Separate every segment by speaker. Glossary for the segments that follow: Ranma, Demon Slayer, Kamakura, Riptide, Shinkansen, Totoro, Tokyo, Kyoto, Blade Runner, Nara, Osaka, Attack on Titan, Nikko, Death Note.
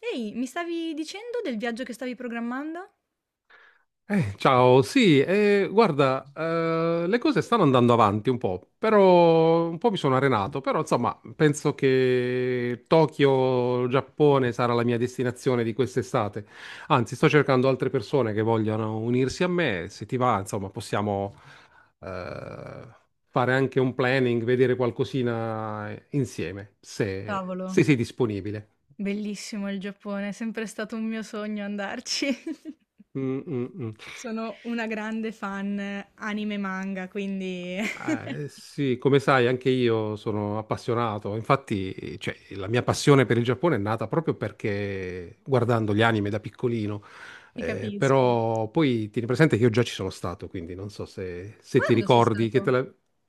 Speaker 1: Ehi, mi stavi dicendo del viaggio che stavi programmando?
Speaker 2: Ciao, sì, guarda, le cose stanno andando avanti un po', però un po' mi sono arenato, però insomma, penso che Tokyo, Giappone sarà la mia destinazione di quest'estate. Anzi, sto cercando altre persone che vogliono unirsi a me, se ti va, insomma, possiamo eh, fare anche un planning, vedere qualcosina insieme,
Speaker 1: Cavolo,
Speaker 2: se sei disponibile.
Speaker 1: bellissimo il Giappone, è sempre stato un mio sogno andarci.
Speaker 2: Mm, mm, mm.
Speaker 1: Sono una grande fan anime e manga, quindi
Speaker 2: Sì, come sai, anche io sono appassionato. Infatti, cioè, la mia passione per il Giappone è nata proprio perché guardando gli anime da piccolino.
Speaker 1: Ti capisco.
Speaker 2: Però poi tieni presente che io già ci sono stato, quindi non so se ti
Speaker 1: Quando sei
Speaker 2: ricordi che
Speaker 1: stato?
Speaker 2: te la.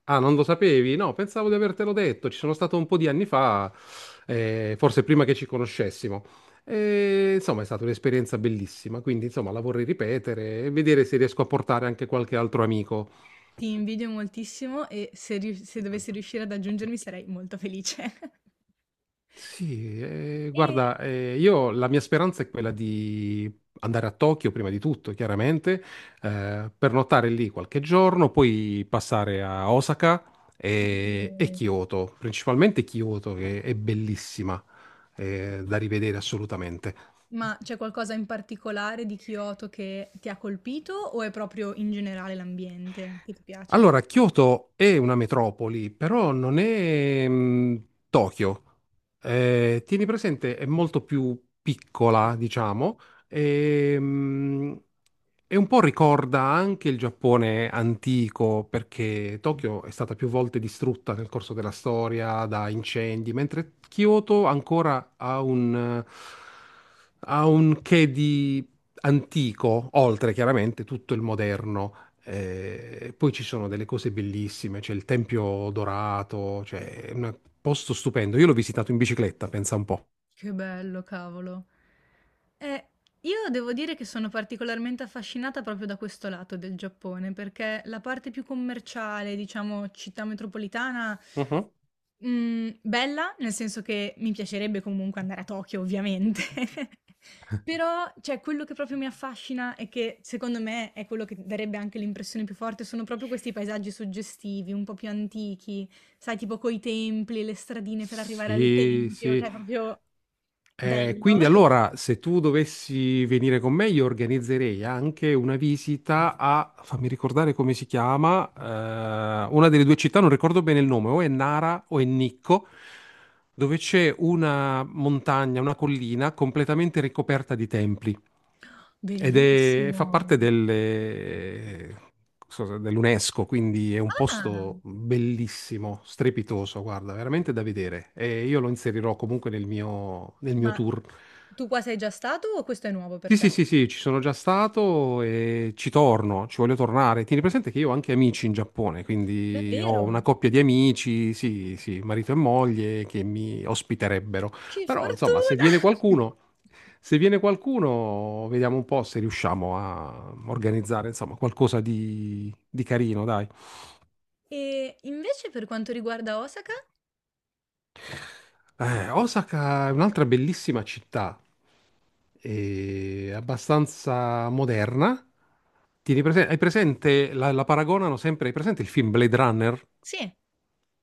Speaker 2: Ah, non lo sapevi? No, pensavo di avertelo detto. Ci sono stato un po' di anni fa, forse prima che ci conoscessimo. E, insomma, è stata un'esperienza bellissima, quindi insomma la vorrei ripetere e vedere se riesco a portare anche qualche altro amico.
Speaker 1: Ti invidio moltissimo e se dovessi riuscire ad aggiungermi sarei molto felice.
Speaker 2: Sì,
Speaker 1: E...
Speaker 2: guarda, io la mia speranza è quella di andare a Tokyo prima di tutto, chiaramente, pernottare lì qualche giorno, poi passare a Osaka e Kyoto, principalmente Kyoto che è bellissima, da rivedere assolutamente.
Speaker 1: Ma c'è qualcosa in particolare di Kyoto che ti ha colpito o è proprio in generale l'ambiente che ti piace?
Speaker 2: Allora, Kyoto è una metropoli, però non è Tokyo. Tieni presente, è molto più piccola, diciamo, e, mh, e un po' ricorda anche il Giappone antico, perché Tokyo è stata più volte distrutta nel corso della storia da incendi, mentre Kyoto ancora ha un che di antico, oltre chiaramente tutto il moderno. Poi ci sono delle cose bellissime, c'è il Tempio Dorato, cioè è un posto stupendo. Io l'ho visitato in bicicletta, pensa un po'.
Speaker 1: Che bello, cavolo. Eh, io devo dire che sono particolarmente affascinata proprio da questo lato del Giappone, perché la parte più commerciale, diciamo città metropolitana,
Speaker 2: Mhm.
Speaker 1: mhmm, bella, nel senso che mi piacerebbe comunque andare a Tokyo ovviamente, però cioè quello che proprio mi affascina e che secondo me è quello che darebbe anche l'impressione più forte, sono proprio questi paesaggi suggestivi, un po' più antichi, sai tipo coi templi, le stradine per arrivare al
Speaker 2: Sì,
Speaker 1: tempio,
Speaker 2: sì.
Speaker 1: cioè ah, proprio bello.
Speaker 2: Quindi allora, se tu dovessi venire con me, io organizzerei anche una visita a, fammi ricordare come si chiama, una delle due città, non ricordo bene il nome, o è Nara o è Nicco, dove c'è una montagna, una collina completamente ricoperta di templi. Ed è, fa
Speaker 1: Bellissimo.
Speaker 2: parte dell'UNESCO, quindi è un
Speaker 1: Ah,
Speaker 2: posto bellissimo, strepitoso, guarda, veramente da vedere. E io lo inserirò comunque nel mio
Speaker 1: ma
Speaker 2: tour.
Speaker 1: tu qua sei già stato o questo è nuovo per
Speaker 2: Sì, sì,
Speaker 1: te?
Speaker 2: sì, sì, ci sono già stato e ci torno, ci voglio tornare. Tieni presente che io ho anche amici in Giappone, quindi ho una
Speaker 1: Davvero?
Speaker 2: coppia di amici, sì, sì, marito e moglie che mi ospiterebbero.
Speaker 1: Che
Speaker 2: Però, insomma,
Speaker 1: fortuna!
Speaker 2: se viene qualcuno, vediamo un po' se riusciamo a organizzare, insomma, qualcosa di carino, dai.
Speaker 1: E invece per quanto riguarda Osaka?
Speaker 2: Osaka è un'altra bellissima città, è abbastanza moderna. Hai presente, la paragonano sempre, hai presente il film Blade Runner?
Speaker 1: Sì.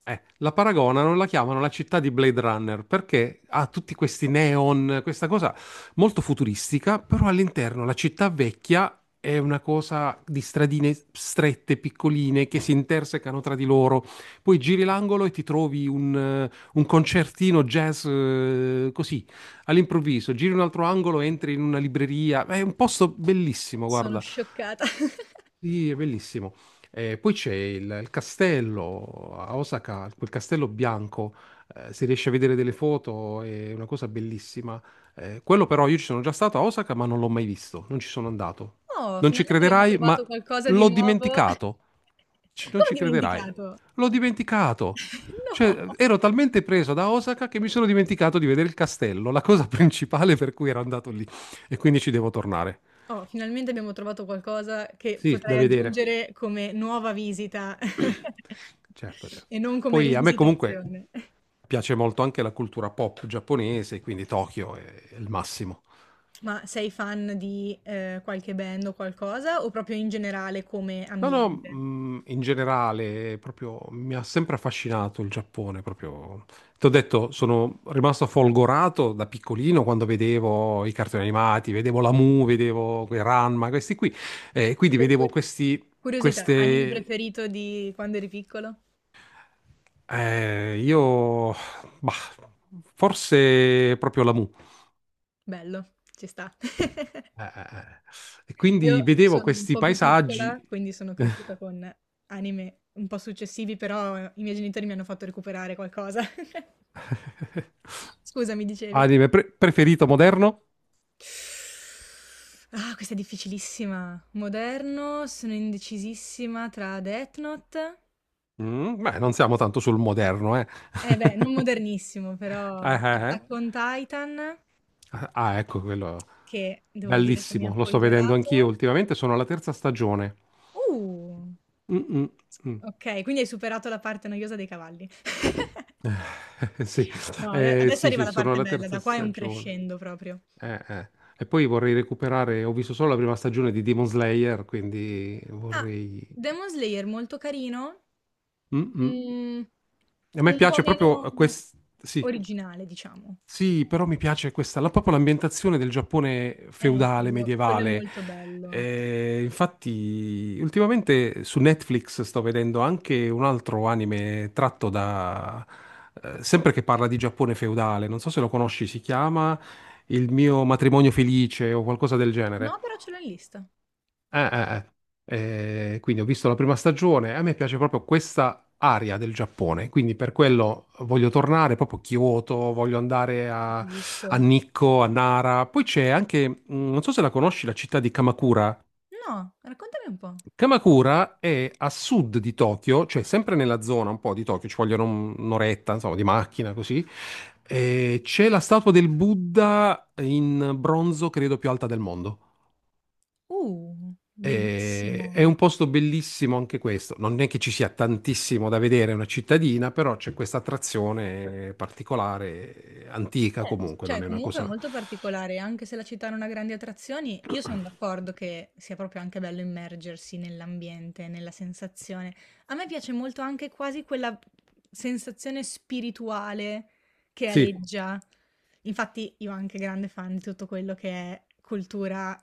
Speaker 2: La chiamano la città di Blade Runner perché ha tutti questi neon, questa cosa molto futuristica, però all'interno la città vecchia è una cosa di stradine strette, piccoline, che si intersecano tra di loro. Poi giri l'angolo e ti trovi un concertino jazz, così, all'improvviso. Giri un altro angolo, entri in una libreria. È un posto bellissimo,
Speaker 1: Sono
Speaker 2: guarda.
Speaker 1: scioccata.
Speaker 2: Sì, è bellissimo. Poi c'è il castello a Osaka, quel castello bianco, si riesce a vedere delle foto, è una cosa bellissima. Quello però io ci sono già stato a Osaka, ma non l'ho mai visto, non ci sono andato.
Speaker 1: Oh,
Speaker 2: Non ci
Speaker 1: finalmente abbiamo
Speaker 2: crederai,
Speaker 1: trovato
Speaker 2: ma
Speaker 1: qualcosa di
Speaker 2: l'ho
Speaker 1: nuovo.
Speaker 2: dimenticato. Non
Speaker 1: Come ho
Speaker 2: ci crederai.
Speaker 1: dimenticato?
Speaker 2: L'ho dimenticato.
Speaker 1: No!
Speaker 2: Cioè, ero talmente preso da Osaka che mi sono dimenticato di vedere il castello, la cosa principale per cui ero andato lì. E quindi ci devo tornare.
Speaker 1: Oh, finalmente abbiamo trovato qualcosa che
Speaker 2: Sì, da
Speaker 1: potrei
Speaker 2: vedere.
Speaker 1: aggiungere come nuova visita,
Speaker 2: Certo, certo.
Speaker 1: e non come
Speaker 2: Poi a me comunque
Speaker 1: rivisitazione.
Speaker 2: piace molto anche la cultura pop giapponese, quindi Tokyo è il massimo.
Speaker 1: Ma sei fan di, qualche band o qualcosa o proprio in generale come
Speaker 2: No, no,
Speaker 1: ambiente?
Speaker 2: in generale, proprio mi ha sempre affascinato il Giappone, proprio. Ti ho detto, sono rimasto folgorato da piccolino quando vedevo i cartoni animati, vedevo la Mu, vedevo quei Ranma, questi qui. E quindi
Speaker 1: Per
Speaker 2: vedevo
Speaker 1: cui curiosità, anime
Speaker 2: queste,
Speaker 1: preferito di quando eri piccolo?
Speaker 2: eh, io... bah, forse proprio la Mu.
Speaker 1: Bello, ci sta.
Speaker 2: Eh. E
Speaker 1: Eh, io
Speaker 2: quindi
Speaker 1: beh,
Speaker 2: vedevo
Speaker 1: sono un
Speaker 2: questi
Speaker 1: po' più
Speaker 2: paesaggi.
Speaker 1: piccola, quindi sono cresciuta con anime un po' successivi, però i miei genitori mi hanno fatto recuperare qualcosa. Scusa, mi dicevi?
Speaker 2: Preferito moderno?
Speaker 1: Ah, questa è difficilissima. Moderno, sono indecisissima tra Death Note.
Speaker 2: Mm, beh, non siamo tanto sul moderno, eh.
Speaker 1: Eh beh, non modernissimo,
Speaker 2: Eh,
Speaker 1: però
Speaker 2: eh, eh.
Speaker 1: Attack on Titan,
Speaker 2: Ah, ecco quello.
Speaker 1: che devo dire che mi ha
Speaker 2: Bellissimo, lo sto vedendo anch'io
Speaker 1: folgorato.
Speaker 2: ultimamente, sono alla terza stagione.
Speaker 1: Uh,
Speaker 2: Mm, mm, mm.
Speaker 1: ok, quindi hai superato la parte noiosa dei cavalli.
Speaker 2: Sì.
Speaker 1: No, adesso
Speaker 2: Sì,
Speaker 1: arriva
Speaker 2: sì,
Speaker 1: la
Speaker 2: sono
Speaker 1: parte
Speaker 2: alla
Speaker 1: bella,
Speaker 2: terza
Speaker 1: da qua è un
Speaker 2: stagione.
Speaker 1: crescendo proprio.
Speaker 2: Eh, eh. E poi vorrei recuperare, ho visto solo la prima stagione di Demon Slayer, quindi
Speaker 1: Ah,
Speaker 2: vorrei.
Speaker 1: Demon Slayer molto carino,
Speaker 2: Mm-mm.
Speaker 1: mm,
Speaker 2: A me
Speaker 1: un po'
Speaker 2: piace proprio
Speaker 1: meno
Speaker 2: questa, sì,
Speaker 1: originale, diciamo.
Speaker 2: sì, però mi piace questa, proprio l'ambientazione del Giappone feudale,
Speaker 1: Quello, quello è
Speaker 2: medievale.
Speaker 1: molto bello.
Speaker 2: Infatti, ultimamente su Netflix sto vedendo anche un altro anime tratto da, sempre che parla di Giappone feudale, non so se lo conosci, si chiama Il mio matrimonio felice o qualcosa del genere.
Speaker 1: No, però ce l'ho in lista.
Speaker 2: Eh, eh, quindi ho visto la prima stagione, e a me piace proprio questa area del Giappone, quindi per quello voglio tornare proprio a Kyoto, voglio andare
Speaker 1: Capisco.
Speaker 2: a Nikko, a Nara. Poi c'è anche, non so se la conosci, la città di Kamakura.
Speaker 1: No, raccontami un po'.
Speaker 2: Kamakura è a sud di Tokyo, cioè sempre nella zona un po' di Tokyo, ci vogliono un'oretta, insomma, di macchina così. C'è la statua del Buddha in bronzo, credo più alta del mondo. È
Speaker 1: Bellissimo.
Speaker 2: un posto bellissimo anche questo. Non è che ci sia tantissimo da vedere, è una cittadina, però c'è questa attrazione particolare, antica comunque,
Speaker 1: Cioè
Speaker 2: non è una
Speaker 1: comunque è
Speaker 2: cosa.
Speaker 1: molto particolare, anche se la città non ha grandi attrazioni, io sono d'accordo che sia proprio anche bello immergersi nell'ambiente, nella sensazione. A me piace molto anche quasi quella sensazione spirituale che
Speaker 2: Sì,
Speaker 1: aleggia. Infatti io anche grande fan di tutto quello che è cultura,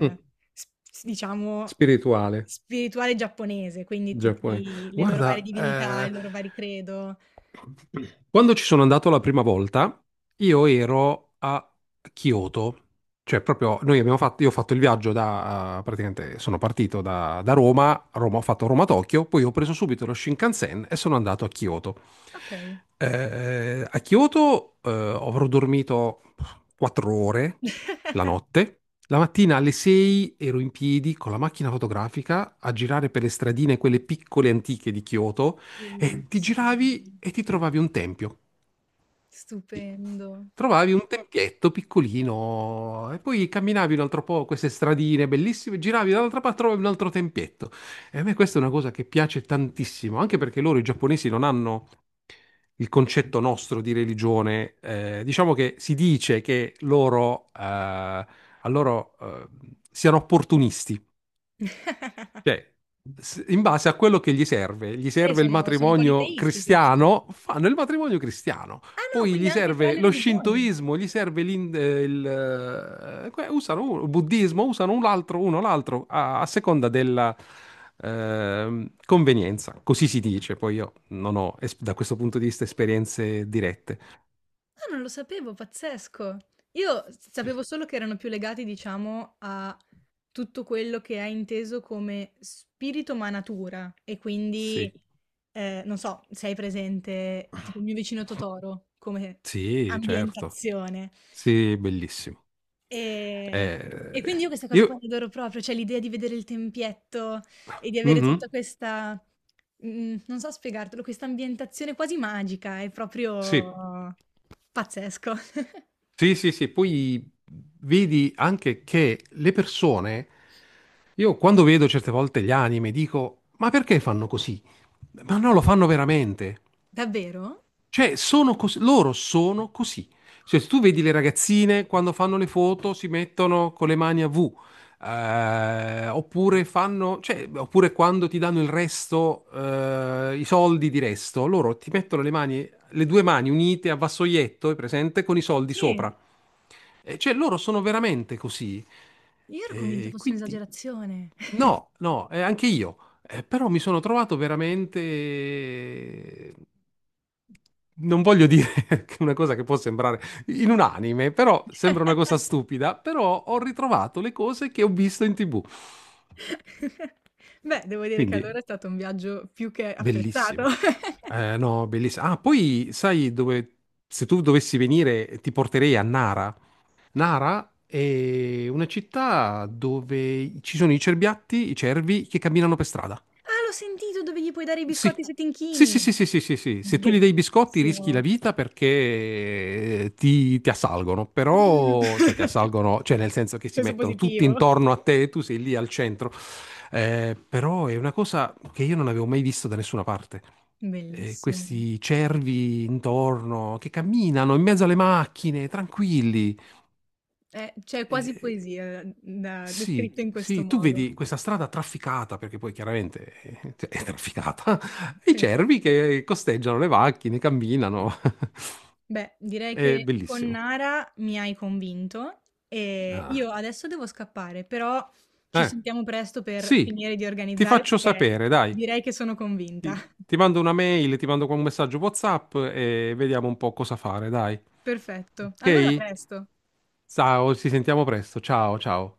Speaker 2: mm,
Speaker 1: s- diciamo,
Speaker 2: spirituale,
Speaker 1: spirituale giapponese, quindi tutte
Speaker 2: giapponese.
Speaker 1: le loro varie
Speaker 2: Guarda,
Speaker 1: divinità, i loro vari credo.
Speaker 2: quando ci sono andato la prima volta, io ero a Kyoto, cioè proprio noi abbiamo fatto, io ho fatto il viaggio praticamente sono partito da Roma, Roma, ho fatto Roma-Tokyo, poi ho preso subito lo Shinkansen e sono andato a Kyoto.
Speaker 1: Ok.
Speaker 2: A Kyoto avrò dormito 4 ore la notte. La mattina alle 6 ero in piedi con la macchina fotografica a girare per le stradine, quelle piccole antiche di Kyoto, e ti
Speaker 1: Bellissimo,
Speaker 2: giravi e ti trovavi un tempio.
Speaker 1: stupendo.
Speaker 2: Trovavi un tempietto piccolino e poi camminavi un altro po' queste stradine bellissime, giravi dall'altra parte, trovavi un altro tempietto. E a me questa è una cosa che piace tantissimo, anche perché loro, i giapponesi, non hanno il concetto nostro di religione. Diciamo che si dice che loro, a loro, siano opportunisti. Cioè, in base a quello che gli serve il
Speaker 1: Sono
Speaker 2: matrimonio
Speaker 1: politeisti, giusto?
Speaker 2: cristiano, fanno il matrimonio cristiano.
Speaker 1: Ah no,
Speaker 2: Poi
Speaker 1: quindi
Speaker 2: gli
Speaker 1: anche tra
Speaker 2: serve
Speaker 1: le
Speaker 2: lo
Speaker 1: religioni.
Speaker 2: shintoismo, gli serve usano il buddismo, usano un altro, uno l'altro, a seconda della convenienza. Così si dice. Poi io non ho, da questo punto di vista, esperienze dirette.
Speaker 1: Ah, non lo sapevo, pazzesco.
Speaker 2: Sì.
Speaker 1: Sapevo solo che erano più legati, diciamo, a tutto quello che è inteso come spirito ma natura. E quindi,
Speaker 2: Sì,
Speaker 1: non so, sei presente, tipo Il mio vicino Totoro, come
Speaker 2: sì, certo.
Speaker 1: ambientazione.
Speaker 2: Sì, bellissimo.
Speaker 1: Ehm, e
Speaker 2: Eh,
Speaker 1: quindi io queste cose qua
Speaker 2: io...
Speaker 1: le adoro proprio, cioè l'idea di vedere il tempietto e di avere
Speaker 2: Mhm,
Speaker 1: tutta questa mhmm, non so spiegartelo, questa ambientazione quasi magica, è
Speaker 2: sì.
Speaker 1: proprio pazzesco.
Speaker 2: Sì, sì, sì, poi vedi anche che le persone, io quando vedo certe volte gli anime dico, ma perché fanno così? Ma no, lo fanno veramente.
Speaker 1: Davvero?
Speaker 2: Cioè, sono loro sono così. Cioè, se tu vedi le ragazzine quando fanno le foto si mettono con le mani a V, oppure fanno, cioè, oppure quando ti danno il resto, i soldi di resto, loro ti mettono le mani, le due mani unite a vassoietto, è presente, con i soldi
Speaker 1: Sì,
Speaker 2: sopra. Cioè, loro sono veramente così.
Speaker 1: io ero convinta fosse
Speaker 2: Quindi,
Speaker 1: un'esagerazione.
Speaker 2: no, no, anche io. Però mi sono trovato veramente. Non voglio dire che una cosa che può sembrare in un anime, però sembra una cosa stupida, però ho ritrovato le cose che ho visto in TV.
Speaker 1: Beh, devo dire che
Speaker 2: Quindi,
Speaker 1: allora è stato un viaggio più che apprezzato.
Speaker 2: bellissimo. No, bellissimo. Ah, poi sai dove. Se tu dovessi venire, ti porterei a Nara. Nara è una città dove ci sono i cerbiatti, i cervi che camminano per strada.
Speaker 1: Ah, l'ho sentito, dove gli puoi dare i
Speaker 2: Sì.
Speaker 1: biscotti se ti
Speaker 2: Sì, sì,
Speaker 1: inchini.
Speaker 2: sì, sì, sì, sì, sì. Se tu gli dai i biscotti rischi la
Speaker 1: Bellissimo.
Speaker 2: vita perché ti assalgono, però, cioè ti assalgono, cioè nel senso che si
Speaker 1: Peso
Speaker 2: mettono tutti
Speaker 1: positivo.
Speaker 2: intorno a te, tu sei lì al centro. Però è una cosa che io non avevo mai visto da nessuna parte.
Speaker 1: Bellissimo.
Speaker 2: Questi cervi intorno che camminano in mezzo alle macchine, tranquilli.
Speaker 1: C'è quasi
Speaker 2: Eh,
Speaker 1: poesia da
Speaker 2: sì,
Speaker 1: descritto in questo
Speaker 2: sì, tu
Speaker 1: modo.
Speaker 2: vedi questa strada trafficata, perché poi chiaramente cioè, è trafficata, i cervi
Speaker 1: Esatto.
Speaker 2: che costeggiano le macchine, camminano.
Speaker 1: Beh, direi
Speaker 2: È
Speaker 1: che con
Speaker 2: bellissimo.
Speaker 1: Nara mi hai convinto e
Speaker 2: Ah.
Speaker 1: io adesso devo scappare, però ci
Speaker 2: Eh,
Speaker 1: sentiamo presto per
Speaker 2: sì,
Speaker 1: finire di
Speaker 2: ti
Speaker 1: organizzare
Speaker 2: faccio
Speaker 1: perché
Speaker 2: sapere, dai.
Speaker 1: direi che sono convinta.
Speaker 2: Ti mando una mail, ti mando un messaggio WhatsApp e vediamo un po' cosa fare, dai.
Speaker 1: Perfetto. Allora a
Speaker 2: Ok?
Speaker 1: presto.
Speaker 2: Ciao, ci sentiamo presto. Ciao, ciao.